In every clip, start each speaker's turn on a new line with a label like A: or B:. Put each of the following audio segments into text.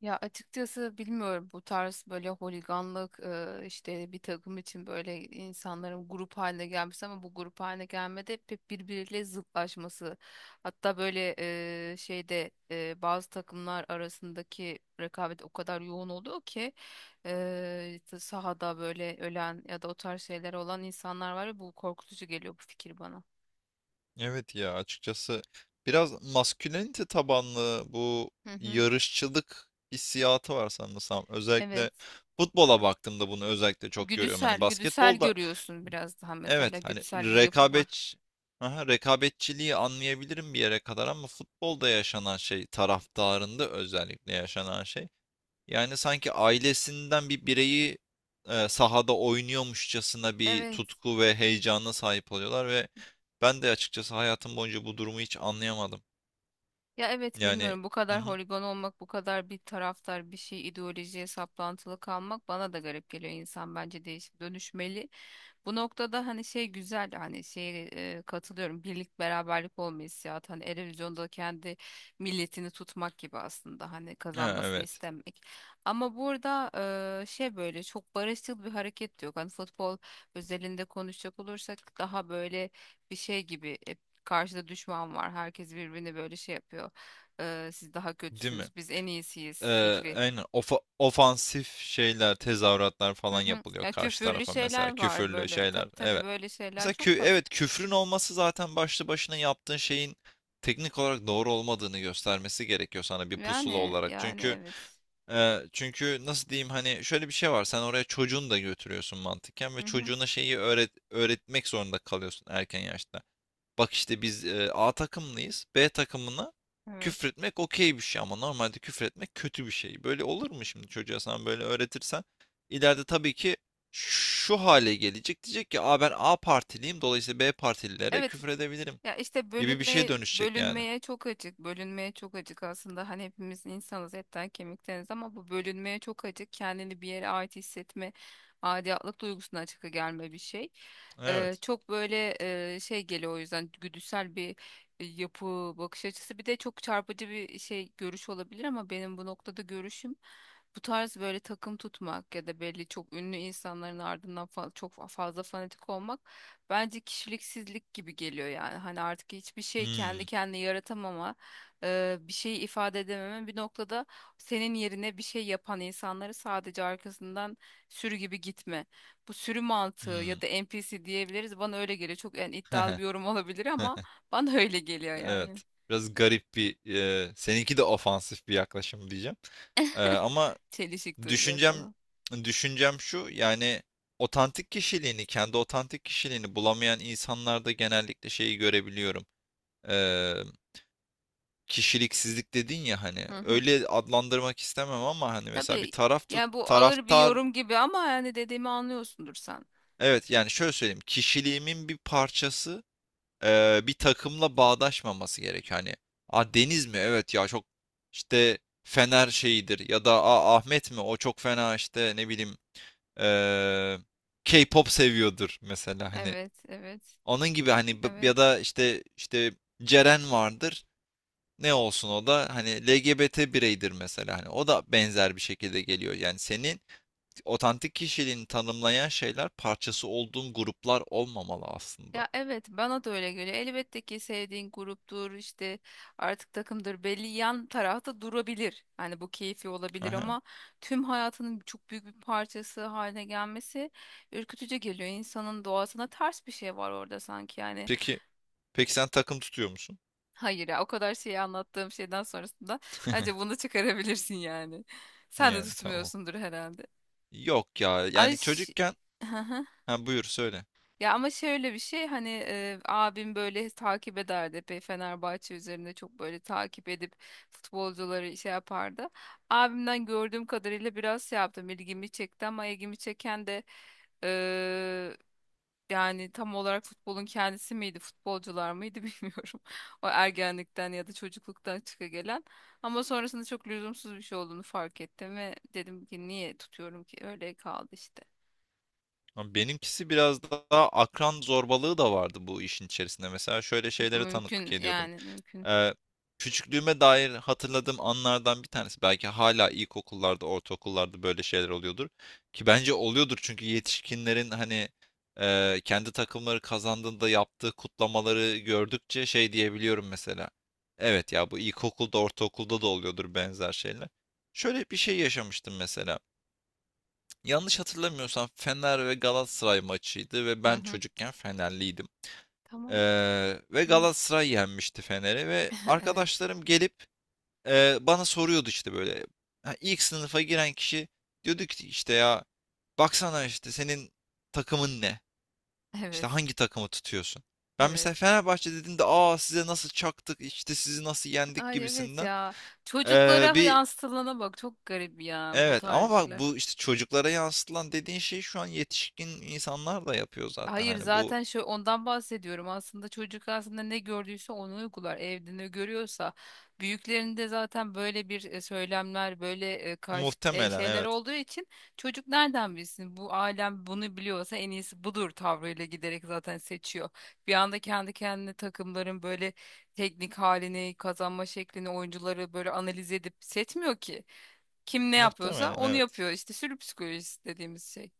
A: Ya açıkçası bilmiyorum bu tarz böyle holiganlık, işte bir takım için böyle insanların grup haline gelmesi ama bu grup haline gelmede hep birbiriyle zıtlaşması. Hatta böyle şeyde bazı takımlar arasındaki rekabet o kadar yoğun oluyor ki sahada böyle ölen ya da o tarz şeyler olan insanlar var ve bu korkutucu geliyor bu fikir bana.
B: Evet ya açıkçası biraz maskülenite tabanlı bu
A: Hı hı,
B: yarışçılık hissiyatı var sanırsam. Özellikle
A: evet.
B: futbola baktığımda bunu özellikle çok görüyorum. Hani
A: Güdüsel
B: basketbolda
A: görüyorsun biraz daha mesela
B: evet, hani
A: güdüsel bir yapı var.
B: rekabet. Aha, rekabetçiliği anlayabilirim bir yere kadar ama futbolda yaşanan şey, taraftarında özellikle yaşanan şey. Yani sanki ailesinden bir bireyi sahada oynuyormuşçasına bir
A: Evet.
B: tutku ve heyecana sahip oluyorlar ve ben de açıkçası hayatım boyunca bu durumu hiç anlayamadım.
A: Ya evet
B: Yani
A: bilmiyorum bu
B: hı
A: kadar
B: hı,
A: holigan olmak, bu kadar bir taraftar bir şey ideolojiye saplantılı kalmak bana da garip geliyor. İnsan bence değişip dönüşmeli. Bu noktada hani şey güzel hani şey, katılıyorum, birlik beraberlik olma hissiyatı hani Eurovision'da kendi milletini tutmak gibi aslında hani
B: ha,
A: kazanmasını
B: evet,
A: istemek. Ama burada şey, böyle çok barışçıl bir hareket de yok. Hani futbol özelinde konuşacak olursak daha böyle bir şey gibi, karşıda düşman var. Herkes birbirini böyle şey yapıyor. Siz daha
B: değil mi?
A: kötüsünüz biz en iyisiyiz
B: Ee,
A: fikri.
B: aynen ofansif şeyler, tezahüratlar
A: Hı
B: falan
A: hı.
B: yapılıyor
A: Ya
B: karşı
A: küfürlü
B: tarafa, mesela
A: şeyler var
B: küfürlü
A: böyle.
B: şeyler.
A: Tabii tabii
B: Evet.
A: böyle şeyler
B: Mesela kü
A: çok fazla.
B: evet, küfrün olması zaten başlı başına yaptığın şeyin teknik olarak doğru olmadığını göstermesi gerekiyor sana bir pusula
A: Yani
B: olarak.
A: yani
B: Çünkü
A: evet.
B: Çünkü nasıl diyeyim, hani şöyle bir şey var. Sen oraya çocuğunu da götürüyorsun mantıken
A: Hı
B: ve
A: hı,
B: çocuğuna şeyi öğretmek zorunda kalıyorsun erken yaşta. Bak işte biz A takımlıyız. B takımına
A: evet.
B: küfretmek okey bir şey ama normalde küfretmek kötü bir şey. Böyle olur mu şimdi, çocuğa sen böyle öğretirsen? İleride tabii ki şu hale gelecek. Diyecek ki aa, ben A partiliyim, dolayısıyla B partililere
A: Evet.
B: küfür edebilirim
A: Ya işte
B: gibi bir şeye
A: bölünmeye
B: dönüşecek yani.
A: bölünmeye çok açık. Bölünmeye çok açık aslında. Hani hepimiz insanız, etten kemikteniz ama bu bölünmeye çok açık. Kendini bir yere ait hissetme, aidiyetlik duygusuna açık gelme bir şey.
B: Evet.
A: Çok böyle şey geliyor, o yüzden güdüsel bir yapı, bakış açısı. Bir de çok çarpıcı bir şey, görüş olabilir ama benim bu noktada görüşüm, bu tarz böyle takım tutmak ya da belli çok ünlü insanların ardından çok fazla fanatik olmak bence kişiliksizlik gibi geliyor yani. Hani artık hiçbir şey kendi
B: Hmm.
A: kendine yaratamama, bir şeyi ifade edememe, bir noktada senin yerine bir şey yapan insanları sadece arkasından sürü gibi gitme. Bu sürü mantığı ya
B: Hmm.
A: da NPC diyebiliriz. Bana öyle geliyor. Çok yani iddialı bir yorum olabilir ama bana öyle geliyor yani.
B: Evet. Biraz garip bir, seninki de ofansif bir yaklaşım diyeceğim. Ama
A: Çelişik duracak
B: düşüncem
A: falan.
B: düşüncem şu, yani otantik kişiliğini, kendi otantik kişiliğini bulamayan insanlarda genellikle şeyi görebiliyorum. Eee, kişiliksizlik dedin ya, hani
A: Hı hı.
B: öyle adlandırmak istemem ama hani mesela bir
A: Tabii, yani bu ağır bir
B: taraftar,
A: yorum gibi ama yani dediğimi anlıyorsundur sen.
B: evet yani şöyle söyleyeyim, kişiliğimin bir parçası bir takımla bağdaşmaması gerek. Hani a Deniz mi? Evet ya, çok işte Fener şeyidir, ya da a Ahmet mi? O çok fena, işte ne bileyim, e, K-pop seviyordur mesela. Hani
A: Evet, evet,
B: onun gibi hani
A: evet.
B: ya da işte, işte Ceren vardır. Ne olsun, o da hani LGBT bireydir mesela, hani o da benzer bir şekilde geliyor. Yani senin otantik kişiliğini tanımlayan şeyler, parçası olduğun gruplar olmamalı aslında.
A: Ya evet, bana da öyle geliyor. Elbette ki sevdiğin gruptur işte, artık takımdır, belli yan tarafta durabilir. Hani bu keyfi olabilir
B: Aha.
A: ama tüm hayatının çok büyük bir parçası haline gelmesi ürkütücü geliyor. İnsanın doğasına ters bir şey var orada sanki yani.
B: Peki, peki sen takım tutuyor musun?
A: Hayır ya, o kadar şeyi anlattığım şeyden sonrasında bence bunu çıkarabilirsin yani. Sen de
B: Yani tamam.
A: tutmuyorsundur herhalde.
B: Yok ya.
A: Ay
B: Yani
A: ş-
B: çocukken ha, buyur söyle.
A: Ya ama şöyle bir şey, hani abim böyle takip ederdi epey, Fenerbahçe üzerinde çok böyle takip edip futbolcuları şey yapardı. Abimden gördüğüm kadarıyla biraz şey yaptım, ilgimi çekti ama ilgimi çeken de e, yani tam olarak futbolun kendisi miydi futbolcular mıydı bilmiyorum. O ergenlikten ya da çocukluktan çıka gelen, ama sonrasında çok lüzumsuz bir şey olduğunu fark ettim ve dedim ki niye tutuyorum ki, öyle kaldı işte.
B: Ama benimkisi biraz daha akran zorbalığı da vardı bu işin içerisinde. Mesela şöyle şeylere tanıklık
A: Mümkün
B: ediyordum.
A: yani, mümkün.
B: Ee, küçüklüğüme dair hatırladığım anlardan bir tanesi. Belki hala ilkokullarda, ortaokullarda böyle şeyler oluyordur. Ki bence oluyordur, çünkü yetişkinlerin hani kendi takımları kazandığında yaptığı kutlamaları gördükçe şey diyebiliyorum mesela. Evet ya, bu ilkokulda, ortaokulda da oluyordur benzer şeyler. Şöyle bir şey yaşamıştım mesela. Yanlış hatırlamıyorsam Fener ve Galatasaray maçıydı ve
A: Hı
B: ben
A: hı.
B: çocukken Fenerliydim.
A: Tamam.
B: Ve
A: Hı.
B: Galatasaray yenmişti Fener'i ve
A: Evet,
B: arkadaşlarım gelip bana soruyordu işte böyle. Ha, ilk sınıfa giren kişi diyordu ki işte ya, baksana, işte senin takımın ne? İşte
A: evet,
B: hangi takımı tutuyorsun? Ben
A: evet.
B: mesela Fenerbahçe dediğimde, aa size nasıl çaktık, işte sizi nasıl yendik
A: Ay evet
B: gibisinden
A: ya. Çocuklara
B: bir
A: yansıtılana bak, çok garip ya bu
B: evet, ama bak,
A: tarihler.
B: bu işte çocuklara yansıtılan dediğin şey, şu an yetişkin insanlar da yapıyor zaten.
A: Hayır,
B: Hani bu
A: zaten şu, ondan bahsediyorum. Aslında çocuk aslında ne gördüyse onu uygular. Evde ne görüyorsa, büyüklerinde zaten böyle bir söylemler, böyle karşı
B: muhtemelen
A: şeyler
B: evet.
A: olduğu için çocuk nereden bilsin? Bu alem bunu biliyorsa en iyisi budur tavrıyla giderek zaten seçiyor. Bir anda kendi kendine takımların böyle teknik halini, kazanma şeklini, oyuncuları böyle analiz edip seçmiyor ki. Kim ne yapıyorsa
B: Muhtemelen
A: onu
B: evet.
A: yapıyor. İşte sürü psikolojisi dediğimiz şey.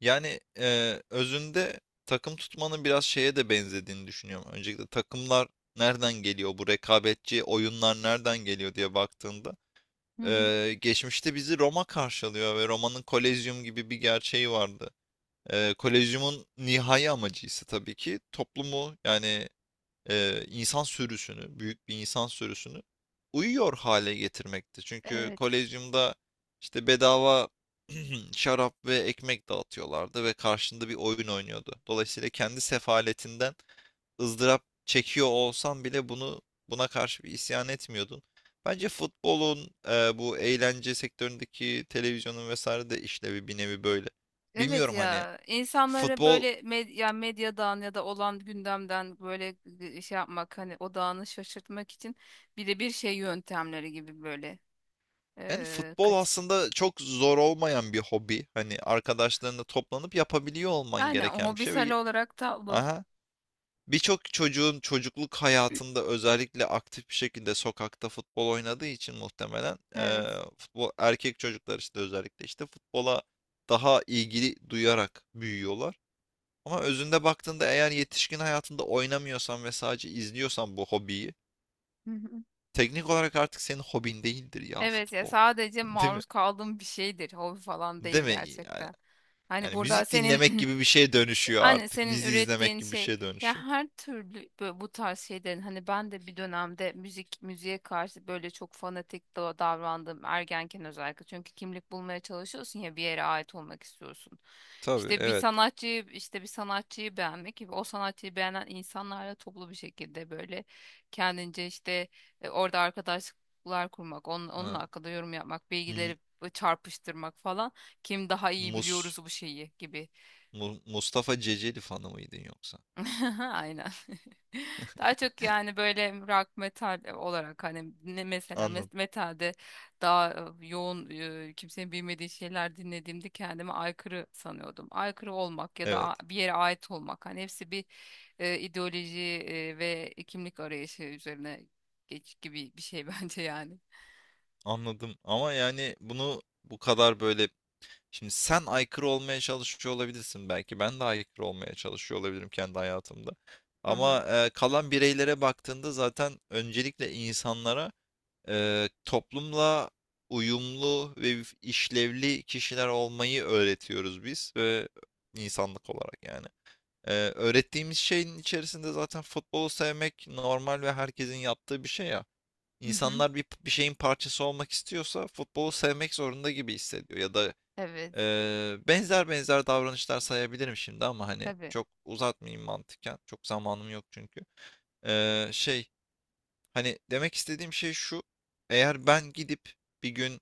B: Yani özünde takım tutmanın biraz şeye de benzediğini düşünüyorum. Öncelikle takımlar nereden geliyor? Bu rekabetçi oyunlar nereden geliyor diye baktığında,
A: Hı hı.
B: geçmişte bizi Roma karşılıyor ve Roma'nın Kolezyum gibi bir gerçeği vardı. E, Kolezyum'un nihai amacı ise tabii ki toplumu, yani insan sürüsünü, büyük bir insan sürüsünü uyuyor hale getirmekti. Çünkü
A: Evet.
B: kolezyumda işte bedava şarap ve ekmek dağıtıyorlardı ve karşında bir oyun oynuyordu. Dolayısıyla kendi sefaletinden ızdırap çekiyor olsan bile buna karşı bir isyan etmiyordun. Bence futbolun bu eğlence sektöründeki televizyonun vesaire de işlevi bir nevi böyle.
A: Evet
B: Bilmiyorum, hani
A: ya, insanlara
B: futbol.
A: böyle medyadan ya da olan gündemden böyle şey yapmak, hani odağını şaşırtmak için birebir şey yöntemleri gibi böyle
B: Yani futbol
A: kaç
B: aslında çok zor olmayan bir hobi. Hani arkadaşlarınla toplanıp yapabiliyor olman
A: aynen
B: gereken bir şey.
A: hobisel
B: Ve-
A: olarak tablo
B: aha. Birçok çocuğun çocukluk hayatında özellikle aktif bir şekilde sokakta futbol oynadığı için muhtemelen
A: evet.
B: futbol, erkek çocuklar işte, özellikle işte futbola daha ilgili duyarak büyüyorlar. Ama özünde baktığında eğer yetişkin hayatında oynamıyorsan ve sadece izliyorsan bu hobiyi,
A: Hı hı.
B: teknik olarak artık senin hobin değildir ya
A: Evet ya,
B: futbol.
A: sadece
B: Değil mi?
A: maruz kaldığım bir şeydir, hobi falan değil
B: Değil mi yani?
A: gerçekten. Hani
B: Yani
A: burada
B: müzik
A: senin
B: dinlemek gibi bir şey dönüşüyor
A: anne
B: artık.
A: senin
B: Dizi izlemek
A: ürettiğin
B: gibi bir
A: şey,
B: şey
A: ya
B: dönüşüyor.
A: her türlü böyle bu tarz şeylerin, hani ben de bir dönemde müziğe karşı böyle çok fanatik davrandım ergenken, özellikle çünkü kimlik bulmaya çalışıyorsun ya, bir yere ait olmak istiyorsun.
B: Tabii,
A: İşte bir
B: evet.
A: sanatçıyı bir sanatçıyı beğenmek, o sanatçıyı beğenen insanlarla toplu bir şekilde böyle kendince işte orada arkadaşlıklar kurmak, onun
B: Ha.
A: hakkında yorum yapmak,
B: M-
A: bilgileri çarpıştırmak falan, kim daha iyi
B: Mus
A: biliyoruz bu şeyi gibi.
B: Mustafa Ceceli fanı mıydın yoksa?
A: Aynen. Daha çok yani böyle rock metal olarak, hani ne mesela
B: Anladım.
A: metalde daha yoğun, kimsenin bilmediği şeyler dinlediğimde kendimi aykırı sanıyordum. Aykırı olmak ya da
B: Evet.
A: bir yere ait olmak, hani hepsi bir ideoloji ve kimlik arayışı üzerine geç gibi bir şey bence yani.
B: Anladım. Ama yani bunu bu kadar böyle, şimdi sen aykırı olmaya çalışıyor olabilirsin belki. Ben de aykırı olmaya çalışıyor olabilirim kendi hayatımda.
A: Hı hı.
B: Ama kalan bireylere baktığında zaten öncelikle insanlara toplumla uyumlu ve işlevli kişiler olmayı öğretiyoruz biz ve insanlık olarak yani. Öğrettiğimiz şeyin içerisinde zaten futbolu sevmek normal ve herkesin yaptığı bir şey ya.
A: Hı hı.
B: İnsanlar bir şeyin parçası olmak istiyorsa futbolu sevmek zorunda gibi hissediyor, ya da
A: Evet.
B: benzer davranışlar sayabilirim şimdi ama hani
A: Tabii.
B: çok uzatmayayım mantıken. Çok zamanım yok çünkü. Eee, şey Hani demek istediğim şey şu. Eğer ben gidip bir gün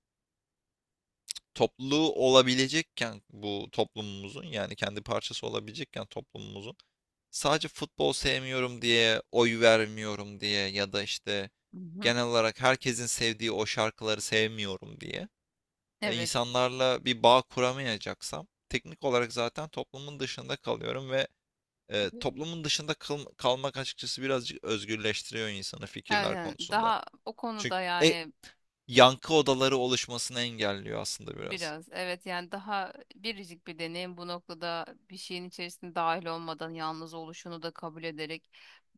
B: topluluğu olabilecekken bu toplumumuzun, yani kendi parçası olabilecekken toplumumuzun, sadece futbol sevmiyorum diye, oy vermiyorum diye, ya da işte
A: Hı hı.
B: genel olarak herkesin sevdiği o şarkıları sevmiyorum diye
A: Evet.
B: insanlarla bir bağ kuramayacaksam teknik olarak zaten toplumun dışında kalıyorum ve
A: Tabii.
B: toplumun dışında kalmak açıkçası birazcık özgürleştiriyor insanı fikirler
A: Aynen.
B: konusunda.
A: Daha o
B: Çünkü
A: konuda yani
B: yankı odaları oluşmasını engelliyor aslında biraz.
A: biraz evet, yani daha biricik bir deneyim bu noktada, bir şeyin içerisinde dahil olmadan yalnız oluşunu da kabul ederek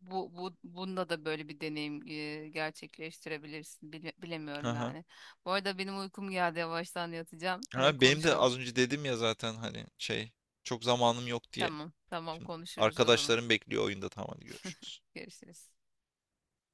A: bu bunda da böyle bir deneyim gerçekleştirebilirsin.
B: Hı
A: Bilemiyorum
B: hı.
A: yani. Bu arada benim uykum geldi, yavaştan yatacağım, yine
B: Ha, benim de
A: konuşalım.
B: az önce dedim ya zaten, hani şey, çok zamanım yok diye.
A: Tamam tamam,
B: Şimdi
A: konuşuruz o zaman,
B: arkadaşlarım bekliyor oyunda, tamam hadi görüşürüz.
A: görüşürüz.